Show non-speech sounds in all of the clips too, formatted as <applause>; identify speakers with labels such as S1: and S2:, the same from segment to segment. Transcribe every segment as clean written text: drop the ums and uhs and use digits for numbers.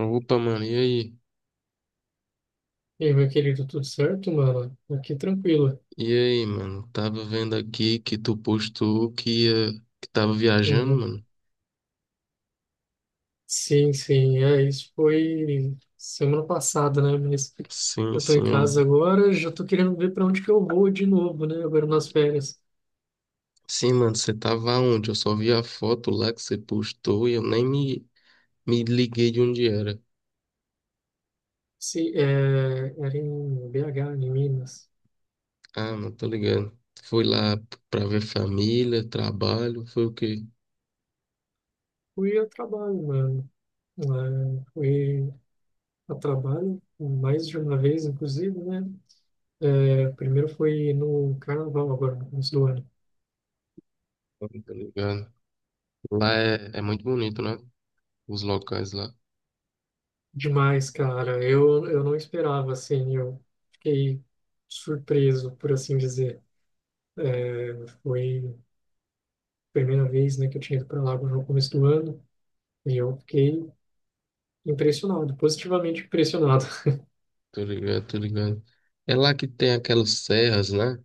S1: Opa, mano, e aí?
S2: E aí, meu querido, tudo certo, mano? Aqui tranquilo.
S1: E aí, mano? Tava vendo aqui que tu postou que tava viajando,
S2: Uhum.
S1: mano.
S2: Sim, sim, é, isso foi semana passada, né? Mas
S1: Sim,
S2: eu tô em
S1: senhor.
S2: casa agora, já tô querendo ver para onde que eu vou de novo, né? Agora nas férias.
S1: Sim, mano, você tava onde? Eu só vi a foto lá que você postou e eu nem me, me liguei de onde era.
S2: Se, é, era em BH, em Minas.
S1: Ah, mano, tô ligado. Foi lá pra ver família, trabalho, foi o quê?
S2: Fui a trabalho, mano. É, fui a trabalho mais de uma vez, inclusive, né? É, primeiro foi no carnaval, agora, no começo do ano.
S1: Ah, tô ligado. Lá é muito bonito, né? Os locais lá.
S2: Demais, cara. Eu não esperava, assim, eu fiquei surpreso, por assim dizer. É, foi a primeira vez, né, que eu tinha ido para lá no começo do ano e eu fiquei impressionado, positivamente impressionado. <laughs>
S1: Tô ligado, tô ligado. É lá que tem aquelas serras, né?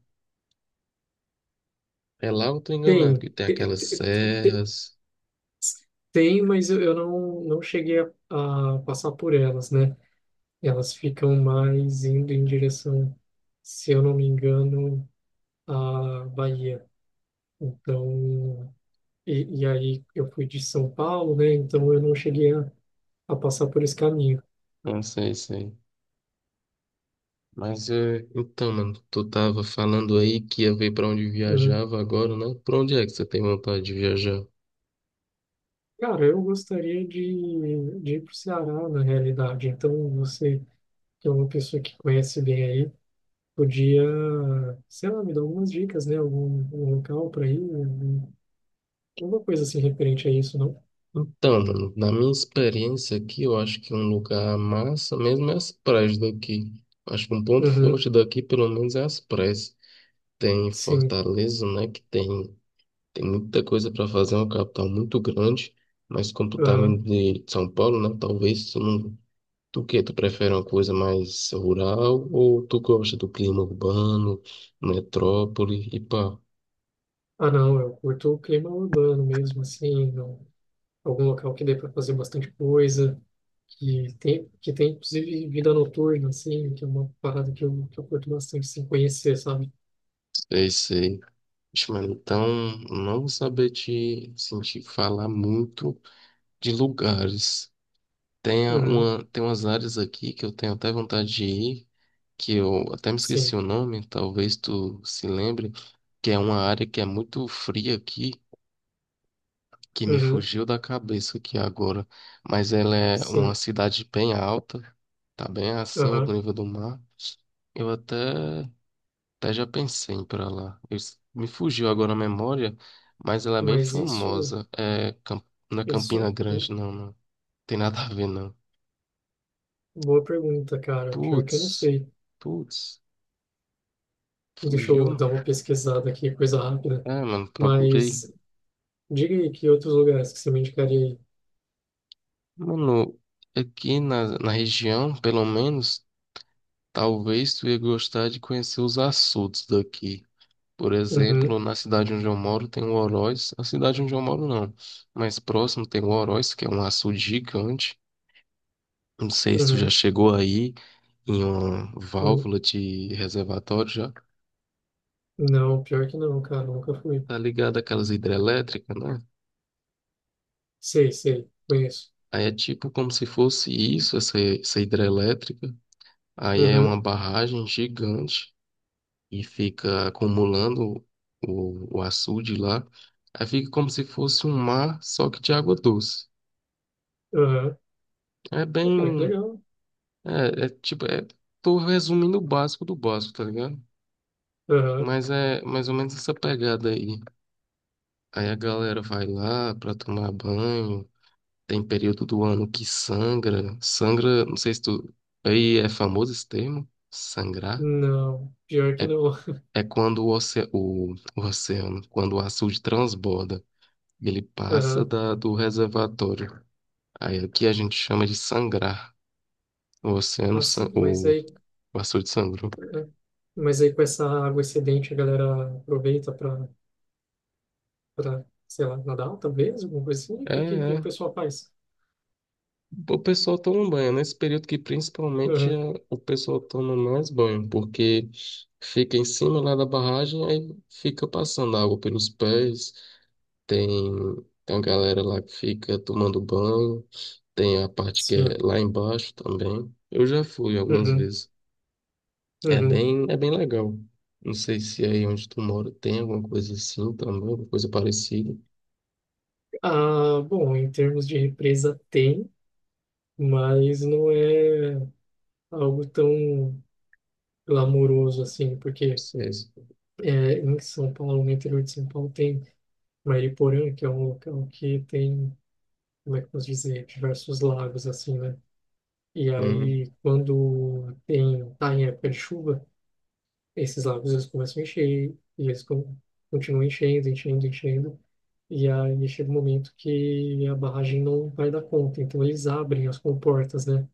S1: É lá eu tô enganado,
S2: Tem,
S1: que tem aquelas serras.
S2: tem, mas eu não, não cheguei a passar por elas, né? Elas ficam mais indo em direção, se eu não me engano, à Bahia. Então, e aí eu fui de São Paulo, né? Então eu não cheguei a passar por esse caminho.
S1: Não sei, sei. Mas é. Então, mano, tu tava falando aí que ia ver pra onde
S2: Né?
S1: viajava agora, né? Pra onde é que você tem vontade de viajar?
S2: Cara, eu gostaria de ir para o Ceará, na realidade. Então você, que é uma pessoa que conhece bem aí, podia, sei lá, me dar algumas dicas, né? Algum local para ir, alguma coisa assim referente a isso, não?
S1: Então, mano, na minha experiência aqui, eu acho que um lugar massa mesmo é as praias daqui. Acho que um ponto
S2: Uhum,
S1: forte daqui, pelo menos, é as praias. Tem
S2: sim.
S1: Fortaleza, né? Tem muita coisa para fazer, é uma capital muito grande. Mas como tu tava
S2: Uhum.
S1: vindo de São Paulo, né? Talvez tu não. Tu que tu prefere uma coisa mais rural ou tu gosta do clima urbano, metrópole e pá?
S2: Ah, não, eu curto o clima urbano mesmo, assim, algum local que dê para fazer bastante coisa. Que tem, que tem inclusive vida noturna, assim, que é uma parada que eu curto bastante, assim, conhecer, sabe?
S1: Sei, sei. Ixi, mano, então não vou saber te sentir falar muito de lugares.
S2: Uhum,
S1: Tem umas áreas aqui que eu tenho até vontade de ir, que eu até me esqueci
S2: sim,
S1: o nome, talvez tu se lembre, que é uma área que é muito fria aqui, que me
S2: uhum,
S1: fugiu da cabeça aqui agora, mas ela é uma
S2: sim,
S1: cidade bem alta, tá bem acima do
S2: aham.
S1: nível do mar. Eu até, até já pensei em ir pra lá. Me fugiu agora a memória, mas ela é bem
S2: Mas isso,
S1: famosa. Não é Campina
S2: isso,
S1: Grande, não, não. Tem nada a ver, não.
S2: boa pergunta, cara. Pior que
S1: Putz,
S2: eu não sei.
S1: putz,
S2: Deixa eu
S1: fugiu.
S2: dar uma pesquisada aqui, coisa rápida.
S1: É, mano, procurei.
S2: Mas diga aí que outros lugares que você me indicaria aí.
S1: Mano, na região, pelo menos, talvez tu ia gostar de conhecer os açudes daqui. Por
S2: Uhum,
S1: exemplo, na cidade onde eu moro tem o Oroz. A cidade onde eu moro não, mas próximo tem o Oroz, que é um açude gigante. Não sei se tu já
S2: uhum,
S1: chegou aí em uma
S2: uhum.
S1: válvula de reservatório já.
S2: Não, pior que não, cara, nunca fui.
S1: Tá ligado aquelas hidrelétricas, né?
S2: Sei, sei, conheço.
S1: Aí é tipo como se fosse isso, essa hidrelétrica. Aí é uma
S2: Uhum,
S1: barragem gigante e fica acumulando o açude lá. Aí fica como se fosse um mar, só que de água doce.
S2: aham.
S1: É
S2: Pô, cara, que
S1: bem.
S2: legal.
S1: É, é tipo, é, tô resumindo o básico do básico, tá ligado?
S2: Aham.
S1: Mas é mais ou menos essa pegada aí. Aí a galera vai lá pra tomar banho. Tem período do ano que sangra. Sangra, não sei se tu. Aí é famoso esse termo, sangrar.
S2: Não, pior que
S1: É,
S2: não. <laughs>
S1: é quando o oceano, quando o açude transborda, ele passa
S2: Aham.
S1: do reservatório. Aí aqui a gente chama de sangrar. O oceano, san-
S2: Assim, mas
S1: o,
S2: aí,
S1: o açude sangrou.
S2: ah, mas aí com essa água excedente a galera aproveita para, para, sei lá, nadar talvez, alguma coisa assim. O
S1: É,
S2: que que o
S1: é.
S2: pessoal faz?
S1: O pessoal toma banho, nesse período que principalmente
S2: Aham.
S1: o pessoal toma mais banho, porque fica em cima lá da barragem, aí fica passando água pelos pés, tem, tem a galera lá que fica tomando banho, tem a parte que é
S2: Sim.
S1: lá embaixo também. Eu já fui algumas
S2: Uhum.
S1: vezes,
S2: Uhum.
S1: é bem legal. Não sei se aí onde tu mora tem alguma coisa assim também, alguma coisa parecida.
S2: Ah, bom, em termos de represa tem, mas não é algo tão glamouroso assim, porque
S1: Sei, sei,
S2: é, em São Paulo, no interior de São Paulo, tem Mariporã, que é um local que tem como é que eu posso dizer, diversos lagos assim, né? E
S1: uhum,
S2: aí, quando tem, tá em época de chuva, esses lagos eles começam a encher e eles continuam enchendo, enchendo, enchendo. E aí chega um momento que a barragem não vai dar conta, então eles abrem as comportas, né?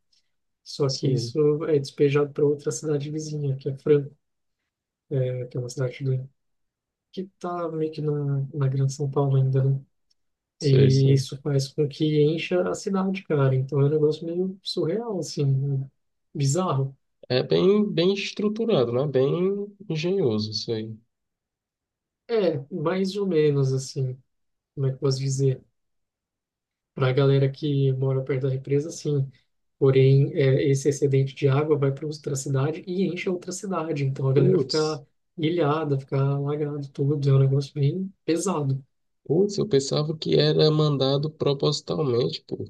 S2: Só que
S1: sei,
S2: isso é despejado para outra cidade vizinha, que é Franco, é, que é uma cidade que tá meio que na, na Grande São Paulo ainda, né?
S1: sei,
S2: E
S1: sei.
S2: isso faz com que encha a cidade, cara. Então é um negócio meio surreal, assim, né? Bizarro.
S1: É bem, bem estruturado, né? Bem engenhoso isso aí.
S2: É, mais ou menos, assim, como é que eu posso dizer? Para a galera que mora perto da represa, sim. Porém, é, esse excedente de água vai para outra cidade e enche a outra cidade. Então a galera
S1: Putz,
S2: fica ilhada, fica alagada, tudo. É um negócio bem pesado.
S1: putz, eu pensava que era mandado propositalmente, pô.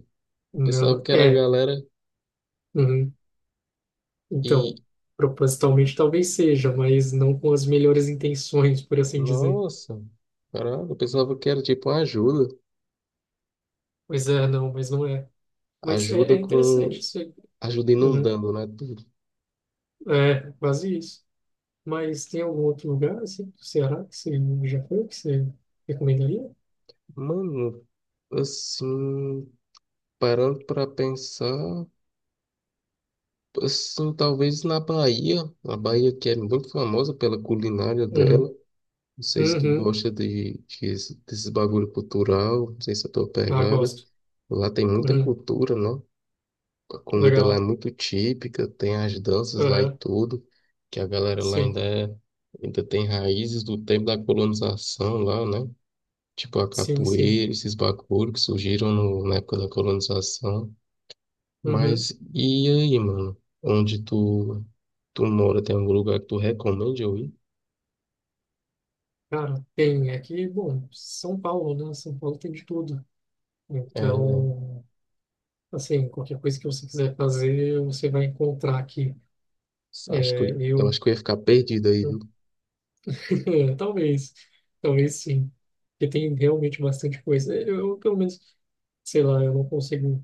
S1: Pensava
S2: Não,
S1: que era a
S2: é,
S1: galera
S2: uhum. Então,
S1: e.
S2: propositalmente talvez seja, mas não com as melhores intenções, por assim dizer.
S1: Nossa, caralho, eu pensava que era tipo uma ajuda.
S2: Pois é, não, mas não é. Mas é, é
S1: Ajuda
S2: interessante
S1: com.
S2: isso aí.
S1: Ajuda
S2: Uhum.
S1: inundando, né? Tudo.
S2: É, quase isso. Mas tem algum outro lugar, assim, do Ceará, que você já foi, que você recomendaria?
S1: Mano, assim, parando pra pensar, assim, talvez na Bahia, a Bahia que é muito famosa pela culinária dela.
S2: Uhum.
S1: Não sei se tu
S2: Uhum.
S1: gosta desses bagulho cultural, não sei se é a tua
S2: Ah,
S1: pegada.
S2: gosto.
S1: Lá tem muita
S2: Uhum.
S1: cultura, não? A comida lá é
S2: Legal.
S1: muito típica, tem as danças lá e
S2: Uhum.
S1: tudo, que a galera lá
S2: Sim,
S1: ainda é, ainda tem raízes do tempo da colonização lá, né? Tipo a
S2: sim, sim.
S1: capoeira, esses bagulho que surgiram na época da colonização.
S2: Uhum.
S1: Mas e aí, mano? Onde tu, tu mora, tem algum lugar que tu recomende eu ir?
S2: Cara, tem aqui, bom, São Paulo, né? São Paulo tem de tudo.
S1: É,
S2: Então, assim, qualquer coisa que você quiser fazer, você vai encontrar aqui.
S1: acho que eu,
S2: É,
S1: eu acho
S2: eu
S1: que eu ia ficar perdido aí, viu?
S2: é, talvez, talvez sim. Porque tem realmente bastante coisa. Pelo menos, sei lá, eu não consigo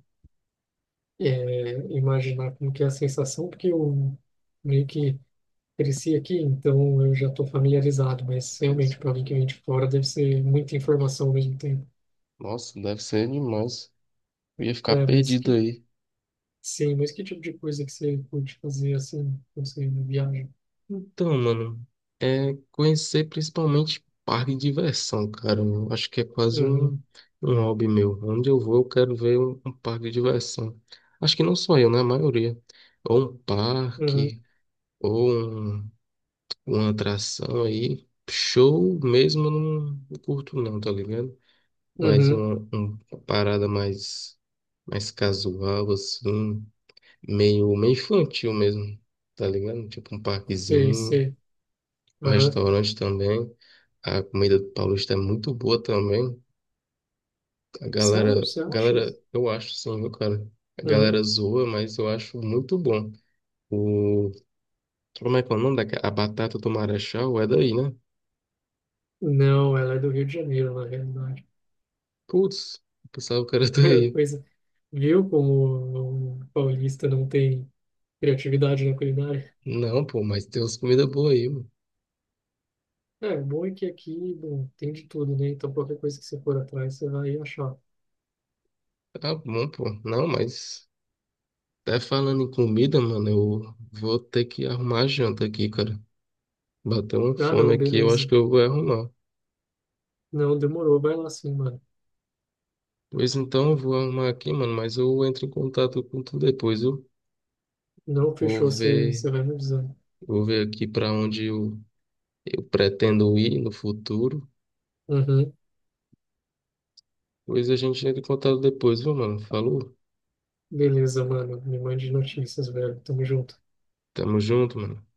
S2: é, imaginar como que é a sensação, porque eu meio que cresci aqui, então eu já estou familiarizado, mas
S1: Sei,
S2: realmente
S1: sei.
S2: para alguém que vem de fora deve ser muita informação ao mesmo tempo.
S1: Nossa, deve ser demais. Eu ia ficar
S2: É, mas
S1: perdido
S2: que,
S1: aí.
S2: sim, mas que tipo de coisa que você curte fazer assim, quando você viaja?
S1: Então, mano, é conhecer principalmente parque de diversão, cara. Eu acho que é quase
S2: Uhum,
S1: um, um hobby meu. Onde eu vou, eu quero ver um parque de diversão. Acho que não só eu, né? A maioria. Ou um
S2: uhum,
S1: parque, ou um- uma atração aí. Show mesmo eu não curto não, tá ligado? Mas
S2: uhum,
S1: uma parada mais, mais casual, assim, meio infantil mesmo, tá ligado? Tipo um
S2: sei,
S1: parquezinho,
S2: sei.
S1: um
S2: Aham.
S1: restaurante também. A comida do Paulista é muito boa também. A
S2: Sério, você acha?
S1: eu acho sim, viu, cara? A
S2: Uhum.
S1: galera zoa, mas eu acho muito bom. O, como é que é o nome daquela? A batata do Marechal é daí, né?
S2: Não, ela é do Rio de Janeiro, na realidade.
S1: Putz, eu pensava que era
S2: <laughs>
S1: daí.
S2: Coisa, viu como o paulista não tem criatividade na culinária?
S1: Não, pô, mas tem umas comidas boas aí, mano.
S2: É, o bom é que aqui, bom, tem de tudo, né? Então qualquer coisa que você for atrás, você vai achar.
S1: Tá bom, pô. Não, mas. Até falando em comida, mano, eu vou ter que arrumar a janta aqui, cara. Bateu uma
S2: Ah,
S1: fome
S2: não,
S1: aqui, eu acho
S2: beleza.
S1: que eu vou arrumar.
S2: Não, demorou, vai lá sim, mano.
S1: Pois então, eu vou arrumar aqui, mano, mas eu entro em contato com tu depois, eu
S2: Não
S1: vou
S2: fechou, você,
S1: ver,
S2: você vai me avisando.
S1: vou ver aqui pra onde eu pretendo ir no futuro.
S2: Uhum,
S1: Pois a gente entra em contato depois, viu, mano? Falou?
S2: beleza, mano. Me mande notícias, velho. Tamo junto.
S1: Tamo junto, mano.